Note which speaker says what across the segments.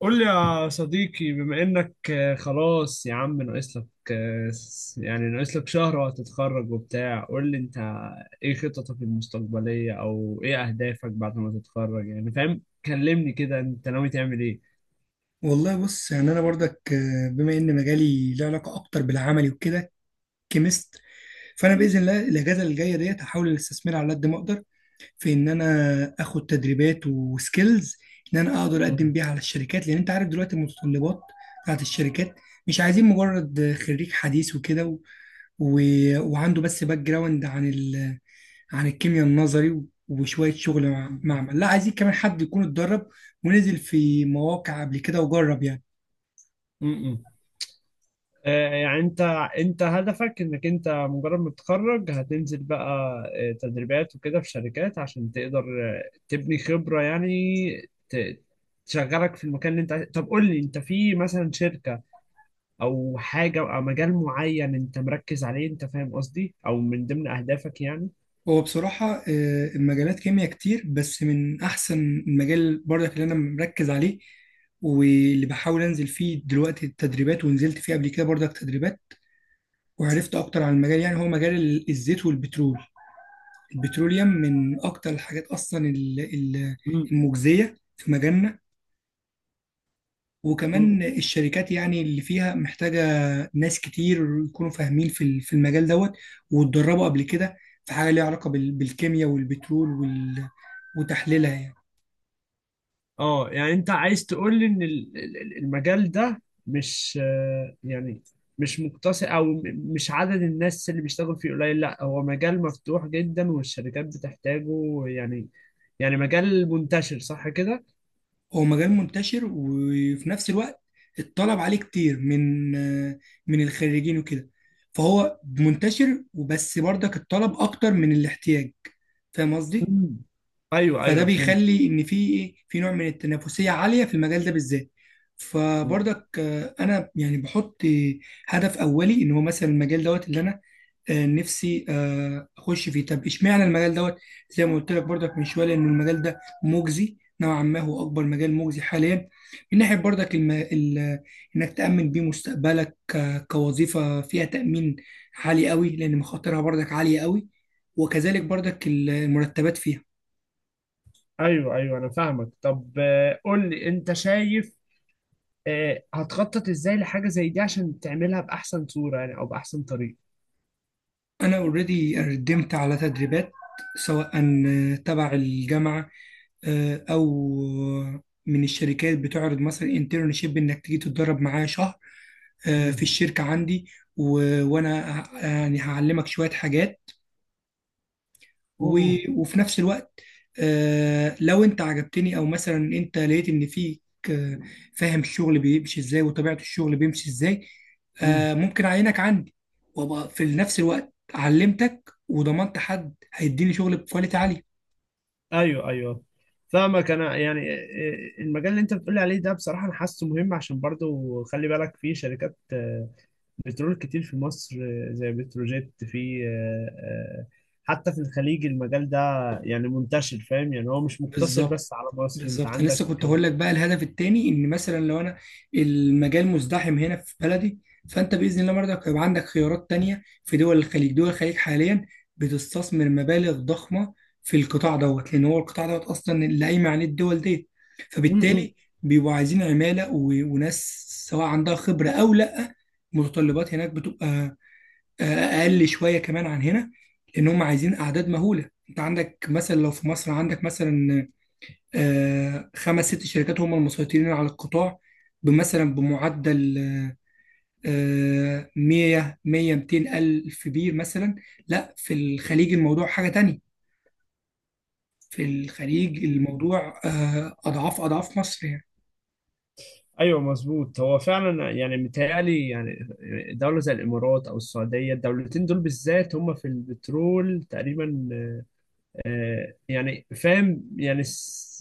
Speaker 1: قول لي يا صديقي بما انك خلاص يا عم ناقص لك يعني ناقص لك شهر وهتتخرج وبتاع. قول لي انت ايه خططك المستقبلية او ايه اهدافك بعد ما تتخرج؟ يعني فاهم، كلمني كده انت ناوي تعمل ايه؟
Speaker 2: والله، بص يعني انا برضك، بما ان مجالي له علاقه اكتر بالعملي وكده، كيمست. فانا باذن الله الاجازه اللي جايه ديت هحاول ان استثمرها على قد ما اقدر، في ان انا اخد تدريبات وسكيلز ان انا اقدر اقدم
Speaker 1: م-
Speaker 2: بيها على الشركات، لان انت عارف دلوقتي المتطلبات بتاعت الشركات مش عايزين مجرد خريج حديث وكده، و... وعنده بس باك جراوند عن عن الكيمياء النظري، وشويه شغل معمل. لا، عايزين كمان حد يكون اتدرب ونزل في مواقع قبل كده وجرب يعني.
Speaker 1: م- م- يعني انت هدفك انك انت مجرد ما تتخرج هتنزل بقى تدريبات وكده في شركات عشان تقدر تبني خبرة يعني ت- تشغلك في المكان اللي انت عايز. طب قول لي انت في مثلا شركة او حاجة او مجال معين انت مركز عليه؟ انت فاهم قصدي، او من ضمن اهدافك يعني.
Speaker 2: هو بصراحة، المجالات كيمياء كتير، بس من أحسن المجال برضك اللي أنا مركز عليه واللي بحاول أنزل فيه دلوقتي التدريبات، ونزلت فيه قبل كده برضك تدريبات وعرفت أكتر عن المجال، يعني هو مجال الزيت والبترول. البتروليوم من أكتر الحاجات أصلا المجزية في مجالنا،
Speaker 1: مم.
Speaker 2: وكمان الشركات يعني اللي فيها محتاجة ناس كتير يكونوا فاهمين في في المجال دوت، واتدربوا قبل كده في حاجه ليها علاقه بالكيمياء والبترول وتحليلها يعني.
Speaker 1: اه يعني انت عايز تقول لي ان المجال ده مش يعني مش مقتصر او مش عدد الناس اللي بيشتغل فيه قليل، لا هو مجال مفتوح جدا والشركات بتحتاجه يعني. يعني مجال منتشر صح كده؟
Speaker 2: هو مجال منتشر، وفي نفس الوقت الطلب عليه كتير من من الخريجين وكده، فهو منتشر، وبس برضك الطلب اكتر من الاحتياج. فاهم قصدي؟
Speaker 1: مم. ايوه
Speaker 2: فده
Speaker 1: ايوه فهمت.
Speaker 2: بيخلي ان في ايه، في نوع من التنافسيه عاليه في المجال ده بالذات.
Speaker 1: مم.
Speaker 2: فبرضك، انا يعني بحط هدف اولي ان هو مثلا المجال دوت اللي انا نفسي اخش فيه. طب اشمعنى المجال دوت؟ زي ما قلت لك برضك من شويه، ان المجال ده مجزي نوعا ما، هو اكبر مجال مجزي حاليا من ناحيه برضك انك تامن بيه مستقبلك كوظيفه فيها تامين عالي قوي، لان مخاطرها برضك عاليه قوي، وكذلك برضك المرتبات فيها.
Speaker 1: ايوه ايوه انا فاهمك. طب قول لي انت شايف هتخطط ازاي لحاجه زي دي عشان تعملها باحسن صوره يعني او باحسن طريقه؟
Speaker 2: انا اوريدي قدمت على تدريبات، سواء تبع الجامعه او من الشركات بتعرض مثلا انترنشيب، انك تيجي تتدرب معايا شهر في
Speaker 1: مم.
Speaker 2: الشركه عندي، وانا يعني هعلمك شويه حاجات و...
Speaker 1: اوه.
Speaker 2: وفي نفس الوقت، لو انت عجبتني او مثلا انت لقيت ان فيك، آه، فاهم الشغل بيمشي ازاي وطبيعة الشغل بيمشي ازاي،
Speaker 1: مم.
Speaker 2: ممكن اعينك عندي، وابقى في نفس الوقت علمتك وضمنت حد هيديني شغل بكواليتي عالية.
Speaker 1: ايوه ايوه فاهمك انا. يعني إيه، المجال اللي انت بتقول عليه ده بصراحه انا حاسه مهم، عشان برضو خلي بالك في شركات بترول كتير في مصر، زي بتروجيت، في حتى في الخليج المجال ده يعني منتشر. فاهم يعني هو مش مقتصر
Speaker 2: بالظبط،
Speaker 1: بس على مصر، انت
Speaker 2: بالظبط. انا لسه
Speaker 1: عندك
Speaker 2: كنت هقول لك بقى، الهدف التاني ان مثلا لو انا المجال مزدحم هنا في بلدي، فانت باذن الله برضك هيبقى عندك خيارات تانية في دول الخليج. دول الخليج حاليا بتستثمر مبالغ ضخمه في القطاع دوت، لان هو القطاع دوت اصلا اللي قايمه عليه الدول ديت،
Speaker 1: م- م.
Speaker 2: فبالتالي بيبقوا عايزين عماله وناس، سواء عندها خبره او لا. متطلبات هناك بتبقى اقل شويه كمان عن هنا، لان هم عايزين اعداد مهوله. انت عندك مثلا لو في مصر، عندك مثلا خمس ست شركات هم المسيطرين على القطاع، بمعدل 100 100 200 ألف بير مثلا. لا، في الخليج الموضوع حاجة تانية، في الخليج الموضوع أضعاف أضعاف مصر يعني.
Speaker 1: ايوه مظبوط. هو فعلا يعني متهيألي يعني دوله زي الامارات او السعوديه، الدولتين دول بالذات هم في البترول تقريبا يعني فاهم يعني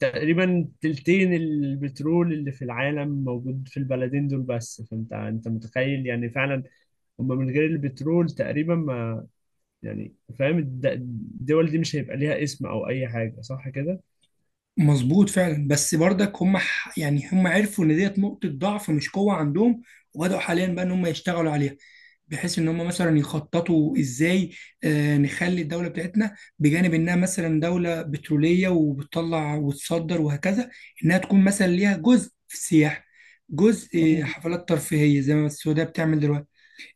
Speaker 1: تقريبا تلتين البترول اللي في العالم موجود في البلدين دول بس. فانت انت متخيل يعني فعلا هم من غير البترول تقريبا ما يعني. فاهم الدول دي مش هيبقى ليها اسم او اي حاجة صح كده؟
Speaker 2: مظبوط فعلا، بس برضك هم يعني هم عرفوا ان ديت نقطة ضعف مش قوة عندهم، وبدأوا حاليا بقى ان هم يشتغلوا عليها، بحيث ان هم مثلا يخططوا ازاي نخلي الدولة بتاعتنا، بجانب انها مثلا دولة بترولية وبتطلع وتصدر وهكذا، انها تكون مثلا ليها جزء في السياحة، جزء
Speaker 1: مم.
Speaker 2: حفلات ترفيهية زي ما السعودية بتعمل دلوقتي.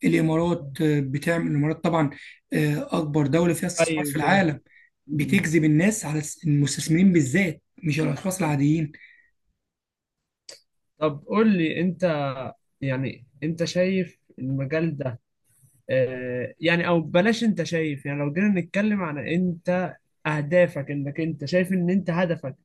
Speaker 2: الامارات بتعمل، الامارات طبعا اكبر دوله فيها استثمار في
Speaker 1: ايوه كده.
Speaker 2: العالم،
Speaker 1: مم.
Speaker 2: بتجذب الناس على المستثمرين بالذات، مش الاشخاص العاديين.
Speaker 1: طب قول لي انت، يعني انت شايف المجال ده يعني او بلاش. انت شايف يعني لو جينا نتكلم عن انت اهدافك، انك انت شايف ان انت هدفك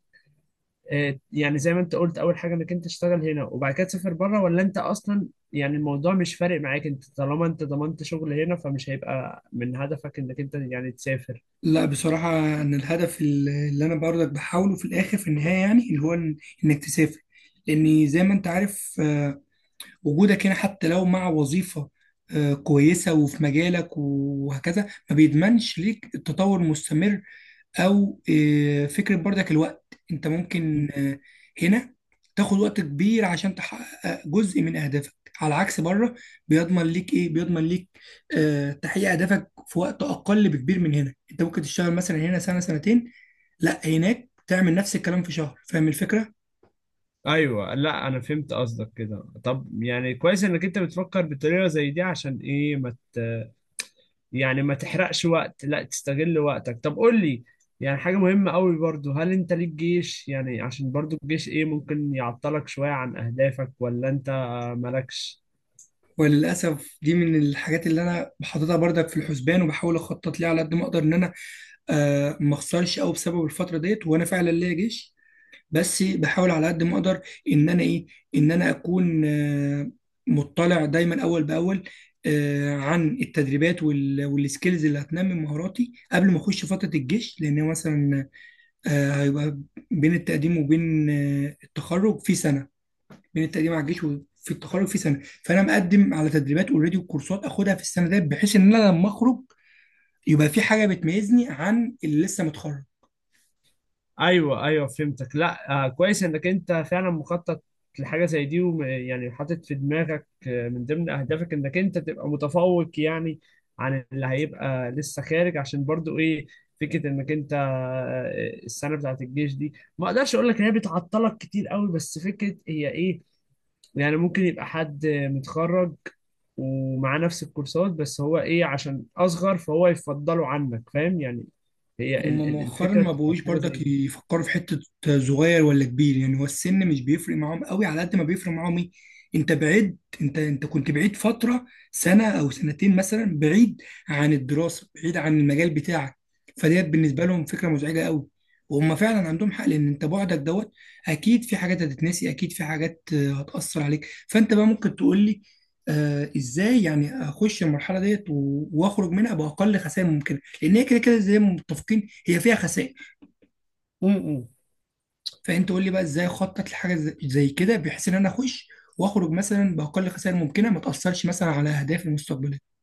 Speaker 1: يعني زي ما انت قلت اول حاجه انك انت تشتغل هنا وبعد كده تسافر بره، ولا انت اصلا يعني الموضوع مش فارق معاك انت طالما انت ضمنت شغل هنا فمش هيبقى من هدفك انك انت يعني تسافر؟
Speaker 2: لا، بصراحه انا الهدف اللي انا برضك بحاوله في الاخر في النهايه، يعني اللي هو انك تسافر، لان زي ما انت عارف وجودك هنا حتى لو مع وظيفه كويسه وفي مجالك وهكذا، ما بيضمنش ليك التطور المستمر، او فكره برضك الوقت. انت ممكن هنا تاخد وقت كبير عشان تحقق جزء من اهدافك، على عكس بره بيضمن ليك ايه، بيضمن ليك تحقيق اهدافك في وقت اقل بكبير من هنا. انت ممكن تشتغل مثلا هنا سنه سنتين، لا، هناك تعمل نفس الكلام في شهر. فاهم الفكره؟
Speaker 1: ايوه لا انا فهمت قصدك كده. طب يعني كويس انك انت بتفكر بطريقه زي دي عشان ايه ما مت... يعني ما تحرقش وقت، لا تستغل وقتك. طب قول لي يعني حاجه مهمه قوي برضو، هل انت ليك جيش؟ يعني عشان برضو الجيش ايه ممكن يعطلك شويه عن اهدافك، ولا انت مالكش؟
Speaker 2: وللاسف دي من الحاجات اللي انا بحطها برضك في الحسبان، وبحاول اخطط ليها على قد ما اقدر ان انا ما اخسرش قوي بسبب الفتره ديت، وانا فعلا ليا جيش. بس بحاول على قد ما اقدر ان انا ايه، ان انا اكون مطلع دايما اول باول عن التدريبات والسكيلز اللي هتنمي مهاراتي قبل ما اخش فتره الجيش. لان هو مثلا هيبقى بين التقديم وبين التخرج في سنه، بين التقديم على الجيش وفي التخرج في سنه، فانا مقدم على تدريبات اوريدي وكورسات اخدها في السنه ديت، بحيث ان انا لما اخرج يبقى في حاجه بتميزني عن اللي لسه متخرج.
Speaker 1: ايوه ايوه فهمتك. لا آه كويس انك انت فعلا مخطط لحاجه زي دي، ويعني حاطط في دماغك من ضمن اهدافك انك انت تبقى متفوق يعني عن اللي هيبقى لسه خارج، عشان برضو ايه فكره انك انت السنه بتاعت الجيش دي ما اقدرش اقول لك ان هي بتعطلك كتير قوي بس فكره هي ايه. يعني ممكن يبقى حد متخرج ومعاه نفس الكورسات بس هو ايه عشان اصغر فهو يفضله عنك فاهم يعني. هي
Speaker 2: هم مؤخرا
Speaker 1: الفكره
Speaker 2: ما
Speaker 1: بتبقى في
Speaker 2: بقوش
Speaker 1: حاجه زي
Speaker 2: برضك
Speaker 1: دي.
Speaker 2: يفكروا في حتة صغير ولا كبير، يعني هو السن مش بيفرق معاهم قوي على قد ما بيفرق معاهم ايه، انت بعيد، انت كنت بعيد فترة سنة او سنتين مثلا، بعيد عن الدراسة، بعيد عن المجال بتاعك، فديت بالنسبة لهم فكرة مزعجة قوي. وهم فعلا عندهم حق، لان انت بعدك دوت اكيد في حاجات هتتنسي، اكيد في حاجات هتأثر عليك. فانت بقى ممكن تقول لي ازاي يعني اخش المرحلة ديت واخرج منها باقل خسائر ممكنة، لان هي كده كده زي ما متفقين، هي فيها خسائر.
Speaker 1: م- م.
Speaker 2: فانت قول لي بقى ازاي اخطط لحاجه زي كده، بحيث ان انا اخش واخرج مثلا باقل خسائر ممكنه، ما تاثرش مثلا على اهدافي المستقبليه.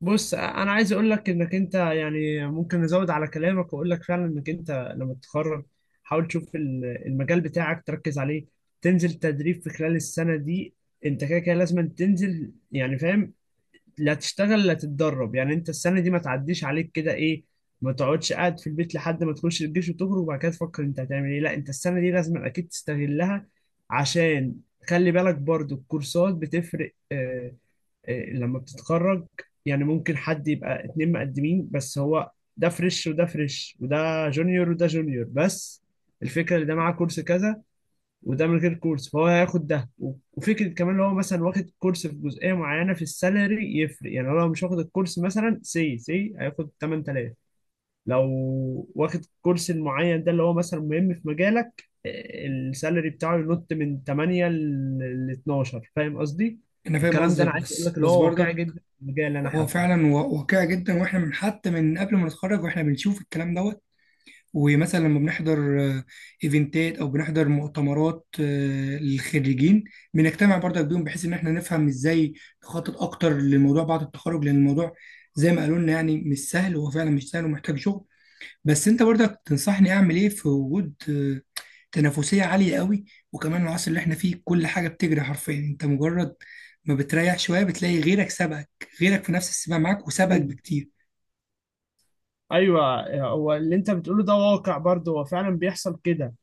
Speaker 1: بص انا عايز اقول لك انك انت يعني ممكن نزود على كلامك واقول لك فعلا انك انت لما تتخرج حاول تشوف المجال بتاعك تركز عليه، تنزل تدريب في خلال السنة دي. انت كده كده لازم تنزل يعني فاهم، لا تشتغل لا تتدرب. يعني انت السنة دي ما تعديش عليك كده ايه، ما تقعدش قاعد في البيت لحد ما تخش الجيش وتخرج وبعد كده تفكر انت هتعمل ايه. لا انت السنة دي لازم اكيد تستغلها عشان خلي بالك برضو الكورسات بتفرق إيه، لما بتتخرج. يعني ممكن حد يبقى اتنين مقدمين بس هو ده فريش وده فريش وده جونيور وده جونيور، بس الفكرة اللي ده معاه كورس كذا وده من غير كورس فهو هياخد ده. وفكرة كمان لو هو مثلا واخد كورس في جزئية معينة في السالري يفرق. يعني لو هو مش واخد الكورس مثلا سي سي هياخد 8000، لو واخد كورس معين ده اللي هو مثلا مهم في مجالك السالري بتاعه ينط من 8 ل 12. فاهم قصدي؟
Speaker 2: انا فاهم
Speaker 1: الكلام ده
Speaker 2: قصدك،
Speaker 1: انا عايز اقول لك
Speaker 2: بس
Speaker 1: اللي
Speaker 2: بس
Speaker 1: هو واقعي
Speaker 2: برضك
Speaker 1: جدا في المجال، انا
Speaker 2: هو
Speaker 1: حتى.
Speaker 2: فعلا واقعي جدا، واحنا من حتى من قبل ما نتخرج واحنا بنشوف الكلام دوت. ومثلا لما بنحضر ايفنتات، او بنحضر مؤتمرات للخريجين، بنجتمع برضك بيهم بحيث ان احنا نفهم ازاي نخطط اكتر للموضوع بعد التخرج، لان الموضوع زي ما قالوا لنا يعني مش سهل، هو فعلا مش سهل ومحتاج شغل. بس انت برضك تنصحني اعمل ايه في وجود تنافسية عالية قوي، وكمان العصر اللي احنا فيه كل حاجة بتجري حرفيا، انت مجرد ما بتريح شوية بتلاقي غيرك سبقك، غيرك في نفس السباق معاك وسبقك
Speaker 1: مم.
Speaker 2: بكتير.
Speaker 1: ايوه هو اللي انت بتقوله ده واقع برضه، هو فعلا بيحصل كده.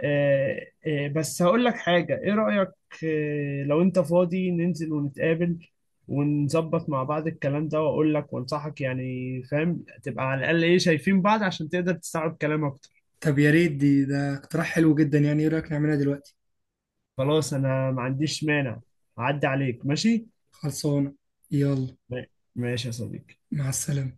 Speaker 1: بس هقول لك حاجه، ايه رايك لو انت فاضي ننزل ونتقابل ونظبط مع بعض الكلام ده واقول لك وانصحك يعني فاهم، تبقى على الاقل ايه شايفين بعض عشان تقدر تستوعب كلام اكتر؟
Speaker 2: طب يا ريت، ده اقتراح حلو جدا، يعني ايه رأيك نعملها دلوقتي؟
Speaker 1: خلاص انا ما عنديش مانع. اعدي عليك ماشي.
Speaker 2: خلصانة، يلا.
Speaker 1: ما- ماشي يا صديقي.
Speaker 2: مع السلامة.